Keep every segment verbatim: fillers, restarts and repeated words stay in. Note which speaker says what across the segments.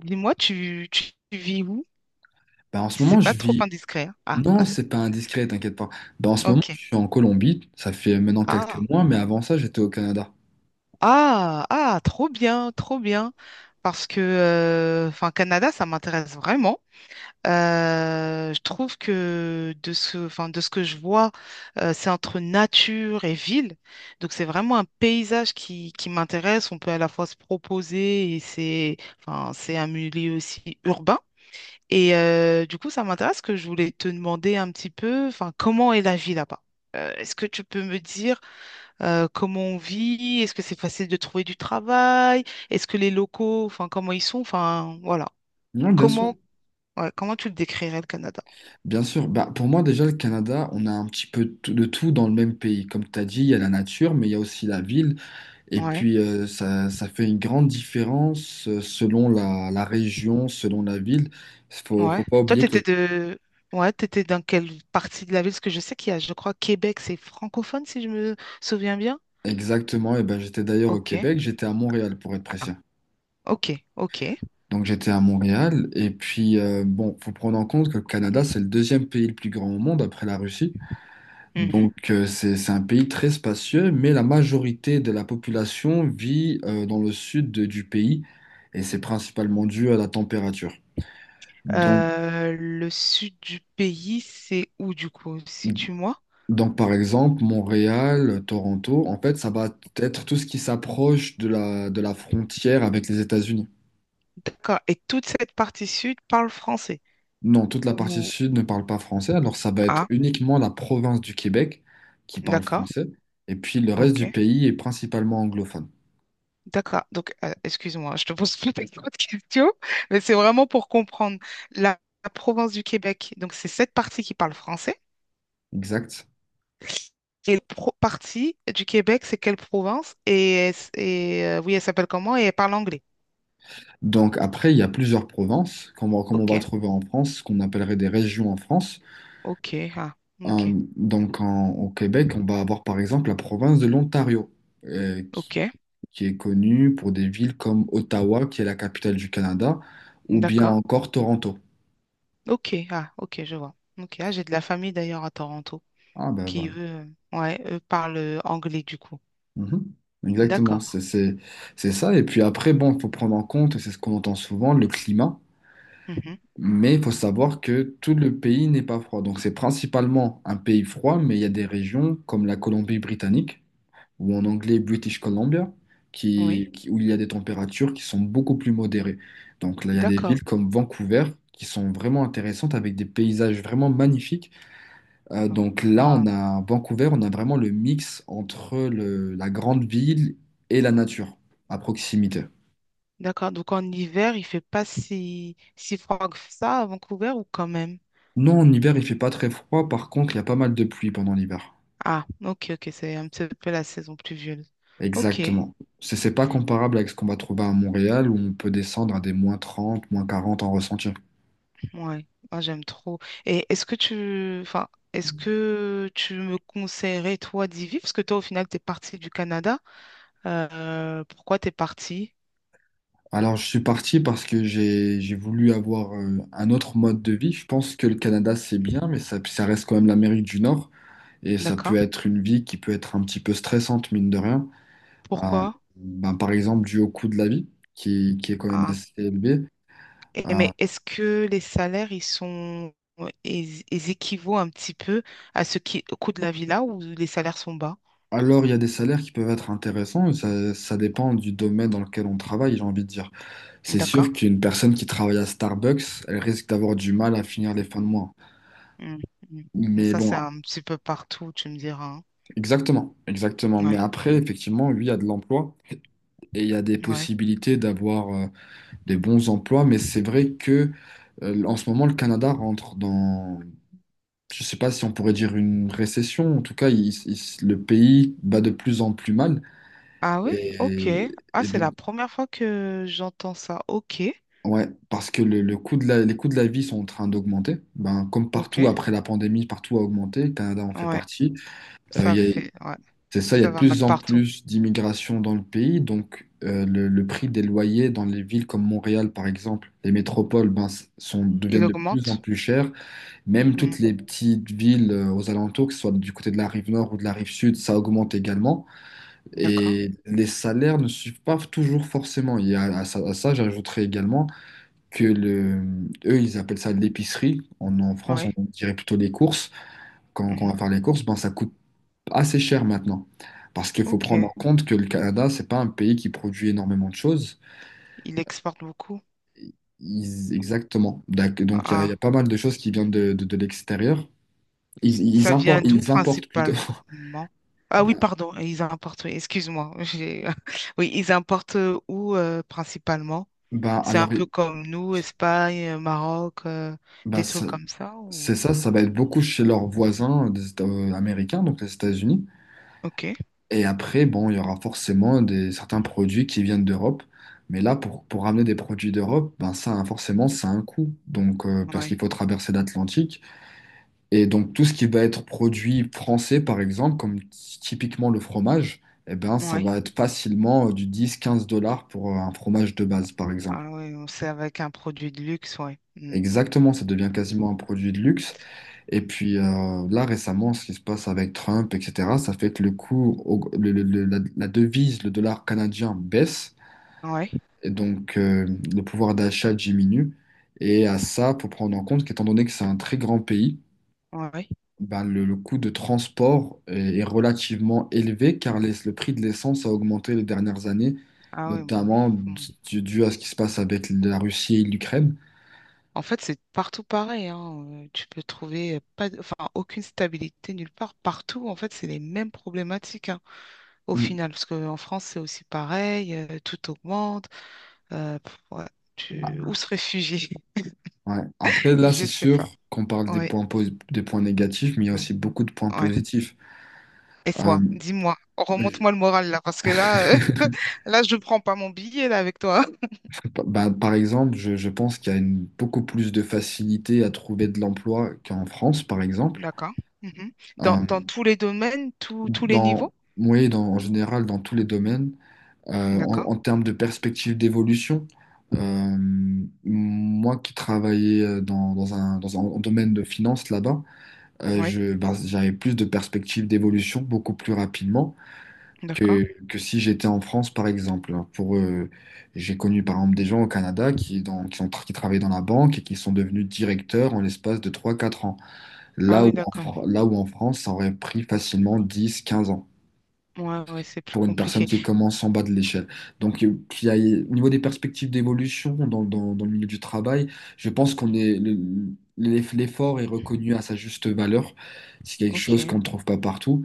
Speaker 1: Dis-moi, tu, tu vis où?
Speaker 2: Bah, en ce
Speaker 1: Si c'est
Speaker 2: moment, je
Speaker 1: pas trop
Speaker 2: vis.
Speaker 1: indiscret, hein.
Speaker 2: Non,
Speaker 1: Ah,
Speaker 2: c'est pas indiscret, t'inquiète pas. Bah, en ce moment,
Speaker 1: ok.
Speaker 2: je suis en Colombie. Ça fait maintenant quelques
Speaker 1: Ah,
Speaker 2: mois, mais avant ça, j'étais au Canada.
Speaker 1: ah, ah, trop bien, trop bien. Parce que, euh, enfin, Canada, ça m'intéresse vraiment. Euh, je trouve que de ce, enfin, de ce que je vois, euh, c'est entre nature et ville. Donc, c'est vraiment un paysage qui, qui m'intéresse. On peut à la fois se proposer et c'est, enfin, c'est un milieu aussi urbain. Et euh, du coup, ça m'intéresse que je voulais te demander un petit peu, enfin, comment est la vie là-bas? Euh, est-ce que tu peux me dire euh, comment on vit? Est-ce que c'est facile de trouver du travail? Est-ce que les locaux, enfin, comment ils sont? Enfin, voilà.
Speaker 2: Non, bien sûr.
Speaker 1: Comment, ouais, comment tu le décrirais, le Canada?
Speaker 2: Bien sûr. Bah, pour moi, déjà, le Canada, on a un petit peu tout- de tout dans le même pays. Comme tu as dit, il y a la nature, mais il y a aussi la ville. Et
Speaker 1: Ouais,
Speaker 2: puis, euh, ça, ça fait une grande différence euh, selon la, la région, selon la ville. Faut,
Speaker 1: ouais.
Speaker 2: faut pas
Speaker 1: Toi,
Speaker 2: oublier que
Speaker 1: t'étais
Speaker 2: le-
Speaker 1: de... Ouais, t'étais dans quelle partie de la ville? Parce que je sais qu'il y a, je crois, Québec, c'est francophone, si je me souviens bien.
Speaker 2: exactement, et ben, j'étais d'ailleurs au
Speaker 1: Ok,
Speaker 2: Québec, j'étais à Montréal, pour être précis.
Speaker 1: ok, ok.
Speaker 2: Donc j'étais à Montréal. Et puis, euh, bon, faut prendre en compte que le Canada, c'est le deuxième pays le plus grand au monde après la Russie. Donc euh, c'est, c'est, un pays très spacieux, mais la majorité de la population vit euh, dans le sud de- du pays. Et c'est principalement dû à la température. Donc,
Speaker 1: Euh, le sud du pays, c'est où du coup? Situe-moi.
Speaker 2: donc par exemple, Montréal, Toronto, en fait, ça va être tout ce qui s'approche de la, de la frontière avec les États-Unis.
Speaker 1: D'accord. Et toute cette partie sud parle français.
Speaker 2: Non, toute la partie
Speaker 1: Ou...
Speaker 2: sud ne parle pas français, alors ça va être
Speaker 1: Ah,
Speaker 2: uniquement la province du Québec qui parle
Speaker 1: d'accord.
Speaker 2: français, et puis le reste
Speaker 1: Ok.
Speaker 2: du pays est principalement anglophone.
Speaker 1: D'accord. Donc, euh, excuse-moi, je te pose plein d'autres questions, mais c'est vraiment pour comprendre la, la province du Québec. Donc, c'est cette partie qui parle français.
Speaker 2: Exact.
Speaker 1: Et la pro- partie du Québec, c'est quelle province? Et, elle s- et euh, oui, elle s'appelle comment? Et elle parle anglais.
Speaker 2: Donc après, il y a plusieurs provinces, comme on, comme on
Speaker 1: Ok.
Speaker 2: va trouver en France, ce qu'on appellerait des régions en France.
Speaker 1: Ok. Ah,
Speaker 2: Euh,
Speaker 1: ok.
Speaker 2: donc en- au Québec, on va avoir par exemple la province de l'Ontario, euh,
Speaker 1: Ok.
Speaker 2: qui, qui est connue pour des villes comme Ottawa, qui est la capitale du Canada, ou bien
Speaker 1: D'accord.
Speaker 2: encore Toronto.
Speaker 1: Ok, ah, ok, je vois. Ok, ah, j'ai de la famille d'ailleurs à Toronto
Speaker 2: Ah ben
Speaker 1: qui, eux,
Speaker 2: voilà.
Speaker 1: euh, ouais, eux parlent euh, anglais du coup.
Speaker 2: Mhm. Exactement,
Speaker 1: D'accord.
Speaker 2: c'est c'est- c'est ça. Et puis après, bon, il faut prendre en compte, et c'est ce qu'on entend souvent, le climat.
Speaker 1: Mhm.
Speaker 2: Mais il faut savoir que tout le pays n'est pas froid. Donc c'est principalement un pays froid, mais il y a des régions comme la Colombie-Britannique, ou en anglais British Columbia, qui,
Speaker 1: Oui,
Speaker 2: qui- où il y a des températures qui sont beaucoup plus modérées. Donc là, il y a des
Speaker 1: d'accord.
Speaker 2: villes comme Vancouver qui sont vraiment intéressantes avec des paysages vraiment magnifiques euh,
Speaker 1: Ah,
Speaker 2: donc là,
Speaker 1: ah,
Speaker 2: on a Vancouver, on a vraiment le mix entre le- la grande ville et la nature à proximité.
Speaker 1: d'accord. Donc en hiver, il fait pas si, si froid que ça à Vancouver ou quand même?
Speaker 2: Non, en hiver, il fait pas très froid. Par contre, il y a pas mal de pluie pendant l'hiver.
Speaker 1: Ah, ok, ok, c'est un petit peu la saison pluvieuse. Ok,
Speaker 2: Exactement. C'est c'est pas comparable avec ce qu'on va trouver à Montréal où on peut descendre à des moins trente, moins quarante en ressenti.
Speaker 1: ouais, ah, j'aime trop. Et est-ce que tu, enfin, est-ce que tu me conseillerais toi d'y vivre? Parce que toi, au final, t'es parti du Canada. Euh, pourquoi t'es parti?
Speaker 2: Alors, je suis parti parce que j'ai j'ai voulu avoir euh, un autre mode de vie. Je pense que le Canada, c'est bien, mais ça, ça reste quand même l'Amérique du Nord et ça peut
Speaker 1: D'accord.
Speaker 2: être une vie qui peut être un petit peu stressante, mine de rien. Euh,
Speaker 1: Pourquoi?
Speaker 2: ben, par exemple, dû au coût de la vie, qui, qui est quand même
Speaker 1: Ah.
Speaker 2: assez élevé. Euh,
Speaker 1: Et mais est-ce que les salaires, ils sont, euh, ils, ils équivaut un petit peu à ce qui, au coût de la vie là où les salaires sont bas?
Speaker 2: alors, il y a des salaires qui peuvent être intéressants, ça, ça dépend du domaine dans lequel on travaille, j'ai envie de dire. C'est
Speaker 1: D'accord.
Speaker 2: sûr qu'une personne qui travaille à Starbucks, elle risque d'avoir du mal à finir les fins de mois.
Speaker 1: Mm, mm. Donc
Speaker 2: Mais
Speaker 1: ça, c'est
Speaker 2: bon,
Speaker 1: un petit peu partout, tu me diras, hein.
Speaker 2: exactement, exactement. Mais
Speaker 1: Ouais,
Speaker 2: après, effectivement, lui, il y a de l'emploi et il y a des
Speaker 1: ouais.
Speaker 2: possibilités d'avoir euh, des bons emplois, mais c'est vrai que euh, en ce moment, le Canada rentre dans, je sais pas si on pourrait dire une récession, en tout cas, il- il- le pays bat de plus en plus mal.
Speaker 1: Ah oui?
Speaker 2: Et,
Speaker 1: Ok. Ah,
Speaker 2: et
Speaker 1: c'est
Speaker 2: donc,
Speaker 1: la première fois que j'entends ça. Ok,
Speaker 2: ouais, parce que le, le coût de la, les coûts de la vie sont en train d'augmenter. Ben, comme
Speaker 1: ok.
Speaker 2: partout, après la pandémie, partout a augmenté, le Canada en fait
Speaker 1: Ouais,
Speaker 2: partie. Euh, il
Speaker 1: ça
Speaker 2: y a-
Speaker 1: fait, ouais,
Speaker 2: c'est ça, il y a
Speaker 1: ça
Speaker 2: de
Speaker 1: va mal
Speaker 2: plus en
Speaker 1: partout.
Speaker 2: plus d'immigration dans le pays, donc euh, le, le prix des loyers dans les villes comme Montréal, par exemple, les métropoles, ben, s- sont,
Speaker 1: Il
Speaker 2: deviennent de plus en
Speaker 1: augmente.
Speaker 2: plus chers. Même
Speaker 1: Mm.
Speaker 2: toutes les petites villes euh, aux alentours, que ce soit du côté de la rive nord ou de la rive sud, ça augmente également.
Speaker 1: D'accord.
Speaker 2: Et les salaires ne suivent pas toujours forcément. Il y a, à ça, à ça, j'ajouterais également que le, eux, ils appellent ça l'épicerie. En, en France,
Speaker 1: Ouais.
Speaker 2: on dirait plutôt les courses. Quand, quand on
Speaker 1: Mhm.
Speaker 2: va faire les courses, ben, ça coûte assez cher maintenant. Parce qu'il faut prendre en
Speaker 1: Ok.
Speaker 2: compte que le Canada, c'est pas un pays qui produit énormément de choses.
Speaker 1: Il exporte beaucoup.
Speaker 2: Ils- exactement. D'ac- Donc, il y, a il y a
Speaker 1: Ah,
Speaker 2: pas mal de choses qui viennent de, de, de l'extérieur. Ils, ils
Speaker 1: ça vient
Speaker 2: importent,
Speaker 1: d'où
Speaker 2: ils importent plutôt.
Speaker 1: principalement? Ah oui, pardon, ils importent, oui, excuse-moi. j'ai- oui, ils importent où euh, principalement?
Speaker 2: Bah
Speaker 1: C'est un
Speaker 2: alors,
Speaker 1: peu comme nous, Espagne, Maroc, euh,
Speaker 2: bah
Speaker 1: des trucs
Speaker 2: ça-
Speaker 1: comme ça ou...
Speaker 2: c'est ça, ça va être beaucoup chez leurs voisins euh, des États- euh, américains, donc les États-Unis.
Speaker 1: Ok,
Speaker 2: Et après, bon, il y aura forcément des, certains produits qui viennent d'Europe. Mais là, pour, pour ramener des produits d'Europe, ben ça, hein, forcément, ça a un coût. Donc, euh, parce qu'il
Speaker 1: ouais,
Speaker 2: faut traverser l'Atlantique. Et donc, tout ce qui va être produit français, par exemple, comme typiquement le fromage, eh ben, ça
Speaker 1: ouais.
Speaker 2: va être facilement euh, du dix, quinze dollars pour euh, un fromage de base, par exemple.
Speaker 1: Ah oui, c'est avec un produit de luxe, ouais. Mm.
Speaker 2: Exactement, ça devient quasiment un produit de luxe. Et puis euh, là, récemment, ce qui se passe avec Trump, et cetera, ça fait que le cours, au- le- le- le- la, la devise, le dollar canadien baisse,
Speaker 1: Ouais,
Speaker 2: et donc euh, le pouvoir d'achat diminue. Et à ça, pour prendre en compte qu'étant donné que c'est un très grand pays,
Speaker 1: ouais.
Speaker 2: ben, le, le coût de transport est, est relativement élevé car les- le prix de l'essence a augmenté les dernières années,
Speaker 1: Ah oui, bon.
Speaker 2: notamment d-
Speaker 1: Hmm.
Speaker 2: dû dû à ce qui se passe avec la Russie et l'Ukraine.
Speaker 1: En fait, c'est partout pareil, hein. euh, tu peux trouver pas, de- enfin, aucune stabilité nulle part. Partout, en fait, c'est les mêmes problématiques, hein. Au final, parce qu'en France, c'est aussi pareil, euh, tout augmente. Euh, pff, ouais, tu- où se réfugier?
Speaker 2: Ouais. Après, là,
Speaker 1: Je
Speaker 2: c'est
Speaker 1: sais
Speaker 2: sûr
Speaker 1: pas.
Speaker 2: qu'on parle des
Speaker 1: Oui.
Speaker 2: points, posi- des points négatifs, mais il y a aussi beaucoup de points
Speaker 1: Ouais.
Speaker 2: positifs.
Speaker 1: Et
Speaker 2: Euh,
Speaker 1: quoi? Dis-moi,
Speaker 2: je-
Speaker 1: remonte-moi le moral là, parce que là, euh, là, je ne prends pas mon billet là avec toi.
Speaker 2: bah, par exemple, je, je pense qu'il y a une, beaucoup plus de facilité à trouver de l'emploi qu'en France, par exemple.
Speaker 1: D'accord. Mhm. Dans,
Speaker 2: Euh,
Speaker 1: dans tous les domaines, tous tous les
Speaker 2: dans,
Speaker 1: niveaux?
Speaker 2: oui, dans, en général, dans tous les domaines, Euh, en,
Speaker 1: D'accord.
Speaker 2: en termes de perspective d'évolution, euh, moi qui travaillais euh, dans, dans un, dans un domaine de finance là-bas, euh,
Speaker 1: Oui,
Speaker 2: je, bah, j'avais plus de perspectives d'évolution beaucoup plus rapidement.
Speaker 1: d'accord.
Speaker 2: que, que si j'étais en France, par exemple. Alors, pour, euh, j'ai connu par exemple des gens au Canada qui, dans, qui, ont tra- qui travaillaient dans la banque et qui sont devenus directeurs en l'espace de trois quatre ans.
Speaker 1: Ah
Speaker 2: Là où,
Speaker 1: oui,
Speaker 2: en,
Speaker 1: d'accord.
Speaker 2: Fr- là où en France, ça aurait pris facilement dix quinze ans
Speaker 1: Ouais, ouais, c'est plus
Speaker 2: pour une personne
Speaker 1: compliqué.
Speaker 2: qui commence en bas de l'échelle. Donc, euh, qu'il y a, au niveau des perspectives d'évolution dans, dans, dans le milieu du travail, je pense qu'on est, le- l'eff- l'effort est reconnu à sa juste valeur. C'est quelque
Speaker 1: Ok.
Speaker 2: chose qu'on ne trouve pas partout.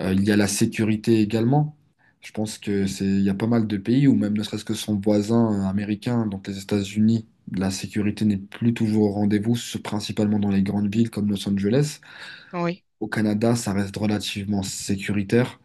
Speaker 2: Euh, il y a la sécurité également. Je pense que
Speaker 1: Mm.
Speaker 2: c'est, il y a pas mal de pays, ou même ne serait-ce que son voisin euh, américain, donc les États-Unis, la sécurité n'est plus toujours au rendez-vous, ce- principalement dans les grandes villes comme Los Angeles.
Speaker 1: Oui,
Speaker 2: Au Canada, ça reste relativement sécuritaire.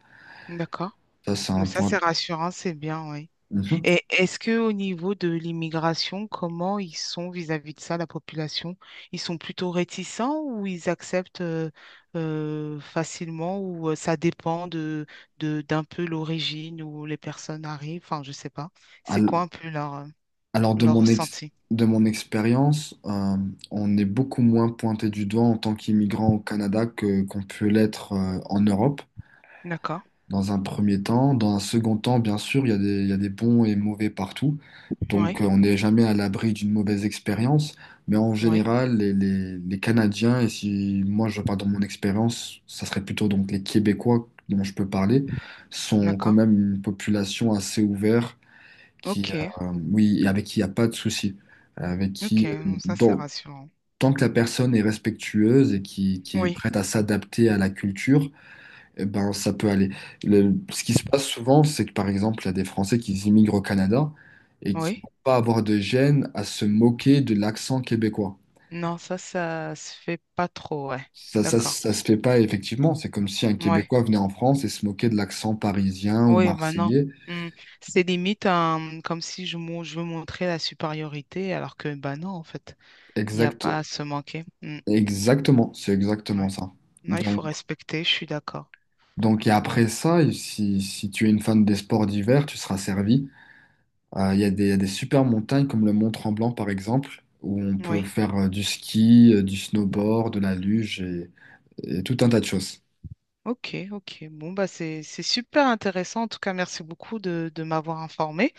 Speaker 1: d'accord.
Speaker 2: Ça, c'est
Speaker 1: Mais
Speaker 2: un
Speaker 1: ça, c'est
Speaker 2: point.
Speaker 1: rassurant, c'est bien, oui.
Speaker 2: Mhm.
Speaker 1: Et est-ce que au niveau de l'immigration, comment ils sont vis-à-vis de ça, la population? Ils sont plutôt réticents ou ils acceptent euh, euh, facilement ou euh, ça dépend de, de- d'un peu l'origine où les personnes arrivent? Enfin, je sais pas. C'est quoi
Speaker 2: Al-
Speaker 1: un peu leur, euh,
Speaker 2: Alors, de
Speaker 1: leur
Speaker 2: mon ex-
Speaker 1: ressenti?
Speaker 2: de mon expérience, euh, on est beaucoup moins pointé du doigt en tant qu'immigrant au Canada que qu'on peut l'être euh, en Europe.
Speaker 1: D'accord.
Speaker 2: Dans un premier temps. Dans un second temps, bien sûr, il y a des, il y a des bons et mauvais partout. Donc,
Speaker 1: Oui,
Speaker 2: euh, on n'est jamais à l'abri d'une mauvaise expérience. Mais en
Speaker 1: oui,
Speaker 2: général, les, les- les Canadiens, et si moi je parle dans mon expérience, ça serait plutôt donc les Québécois dont je peux parler, sont quand
Speaker 1: d'accord.
Speaker 2: même une population assez ouverte, qui,
Speaker 1: Ok,
Speaker 2: euh, oui, et avec qui il n'y a pas de souci. Avec
Speaker 1: ok.
Speaker 2: qui, euh,
Speaker 1: Non, ça, c'est
Speaker 2: donc,
Speaker 1: rassurant.
Speaker 2: tant que la personne est respectueuse et qui, qui est
Speaker 1: Oui,
Speaker 2: prête à s'adapter à la culture, eh ben, ça peut aller. Le- ce qui se passe souvent, c'est que par exemple, il y a des Français qui immigrent au Canada et qui
Speaker 1: oui.
Speaker 2: vont pas avoir de gêne à se moquer de l'accent québécois.
Speaker 1: Non, ça, ça se fait pas trop, ouais.
Speaker 2: Ça, ça,
Speaker 1: D'accord.
Speaker 2: ça se fait pas effectivement. C'est comme si un
Speaker 1: Ouais.
Speaker 2: Québécois venait en France et se moquait de l'accent parisien ou
Speaker 1: Oui, bah non.
Speaker 2: marseillais.
Speaker 1: Mm. C'est limite euh, comme si je, mon- je veux montrer la supériorité, alors que bah non, en fait, il n'y a
Speaker 2: Exact,
Speaker 1: pas à se manquer. Mm.
Speaker 2: exactement, c'est exactement
Speaker 1: Ouais.
Speaker 2: ça.
Speaker 1: Non, il faut
Speaker 2: Donc,
Speaker 1: respecter, je suis d'accord.
Speaker 2: donc et après ça, si, si tu es une fan des sports d'hiver, tu seras servi. Euh, Il y a des, il y a des super montagnes comme le Mont Tremblant par exemple, où on peut
Speaker 1: Oui,
Speaker 2: faire euh, du ski, euh, du snowboard, de la luge et, et tout un tas de choses.
Speaker 1: ok, ok. Bon, bah c'est c'est super intéressant. En tout cas, merci beaucoup de, de m'avoir informé.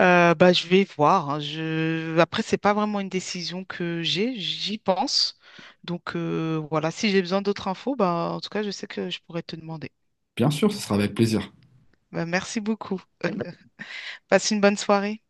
Speaker 1: Euh, bah, je vais voir, hein. Je... Après, c'est pas vraiment une décision que j'ai, j'y pense. Donc euh, voilà, si j'ai besoin d'autres infos, bah en tout cas, je sais que je pourrais te demander.
Speaker 2: Bien sûr, ce sera avec plaisir.
Speaker 1: Bah, merci beaucoup. Passe une bonne soirée.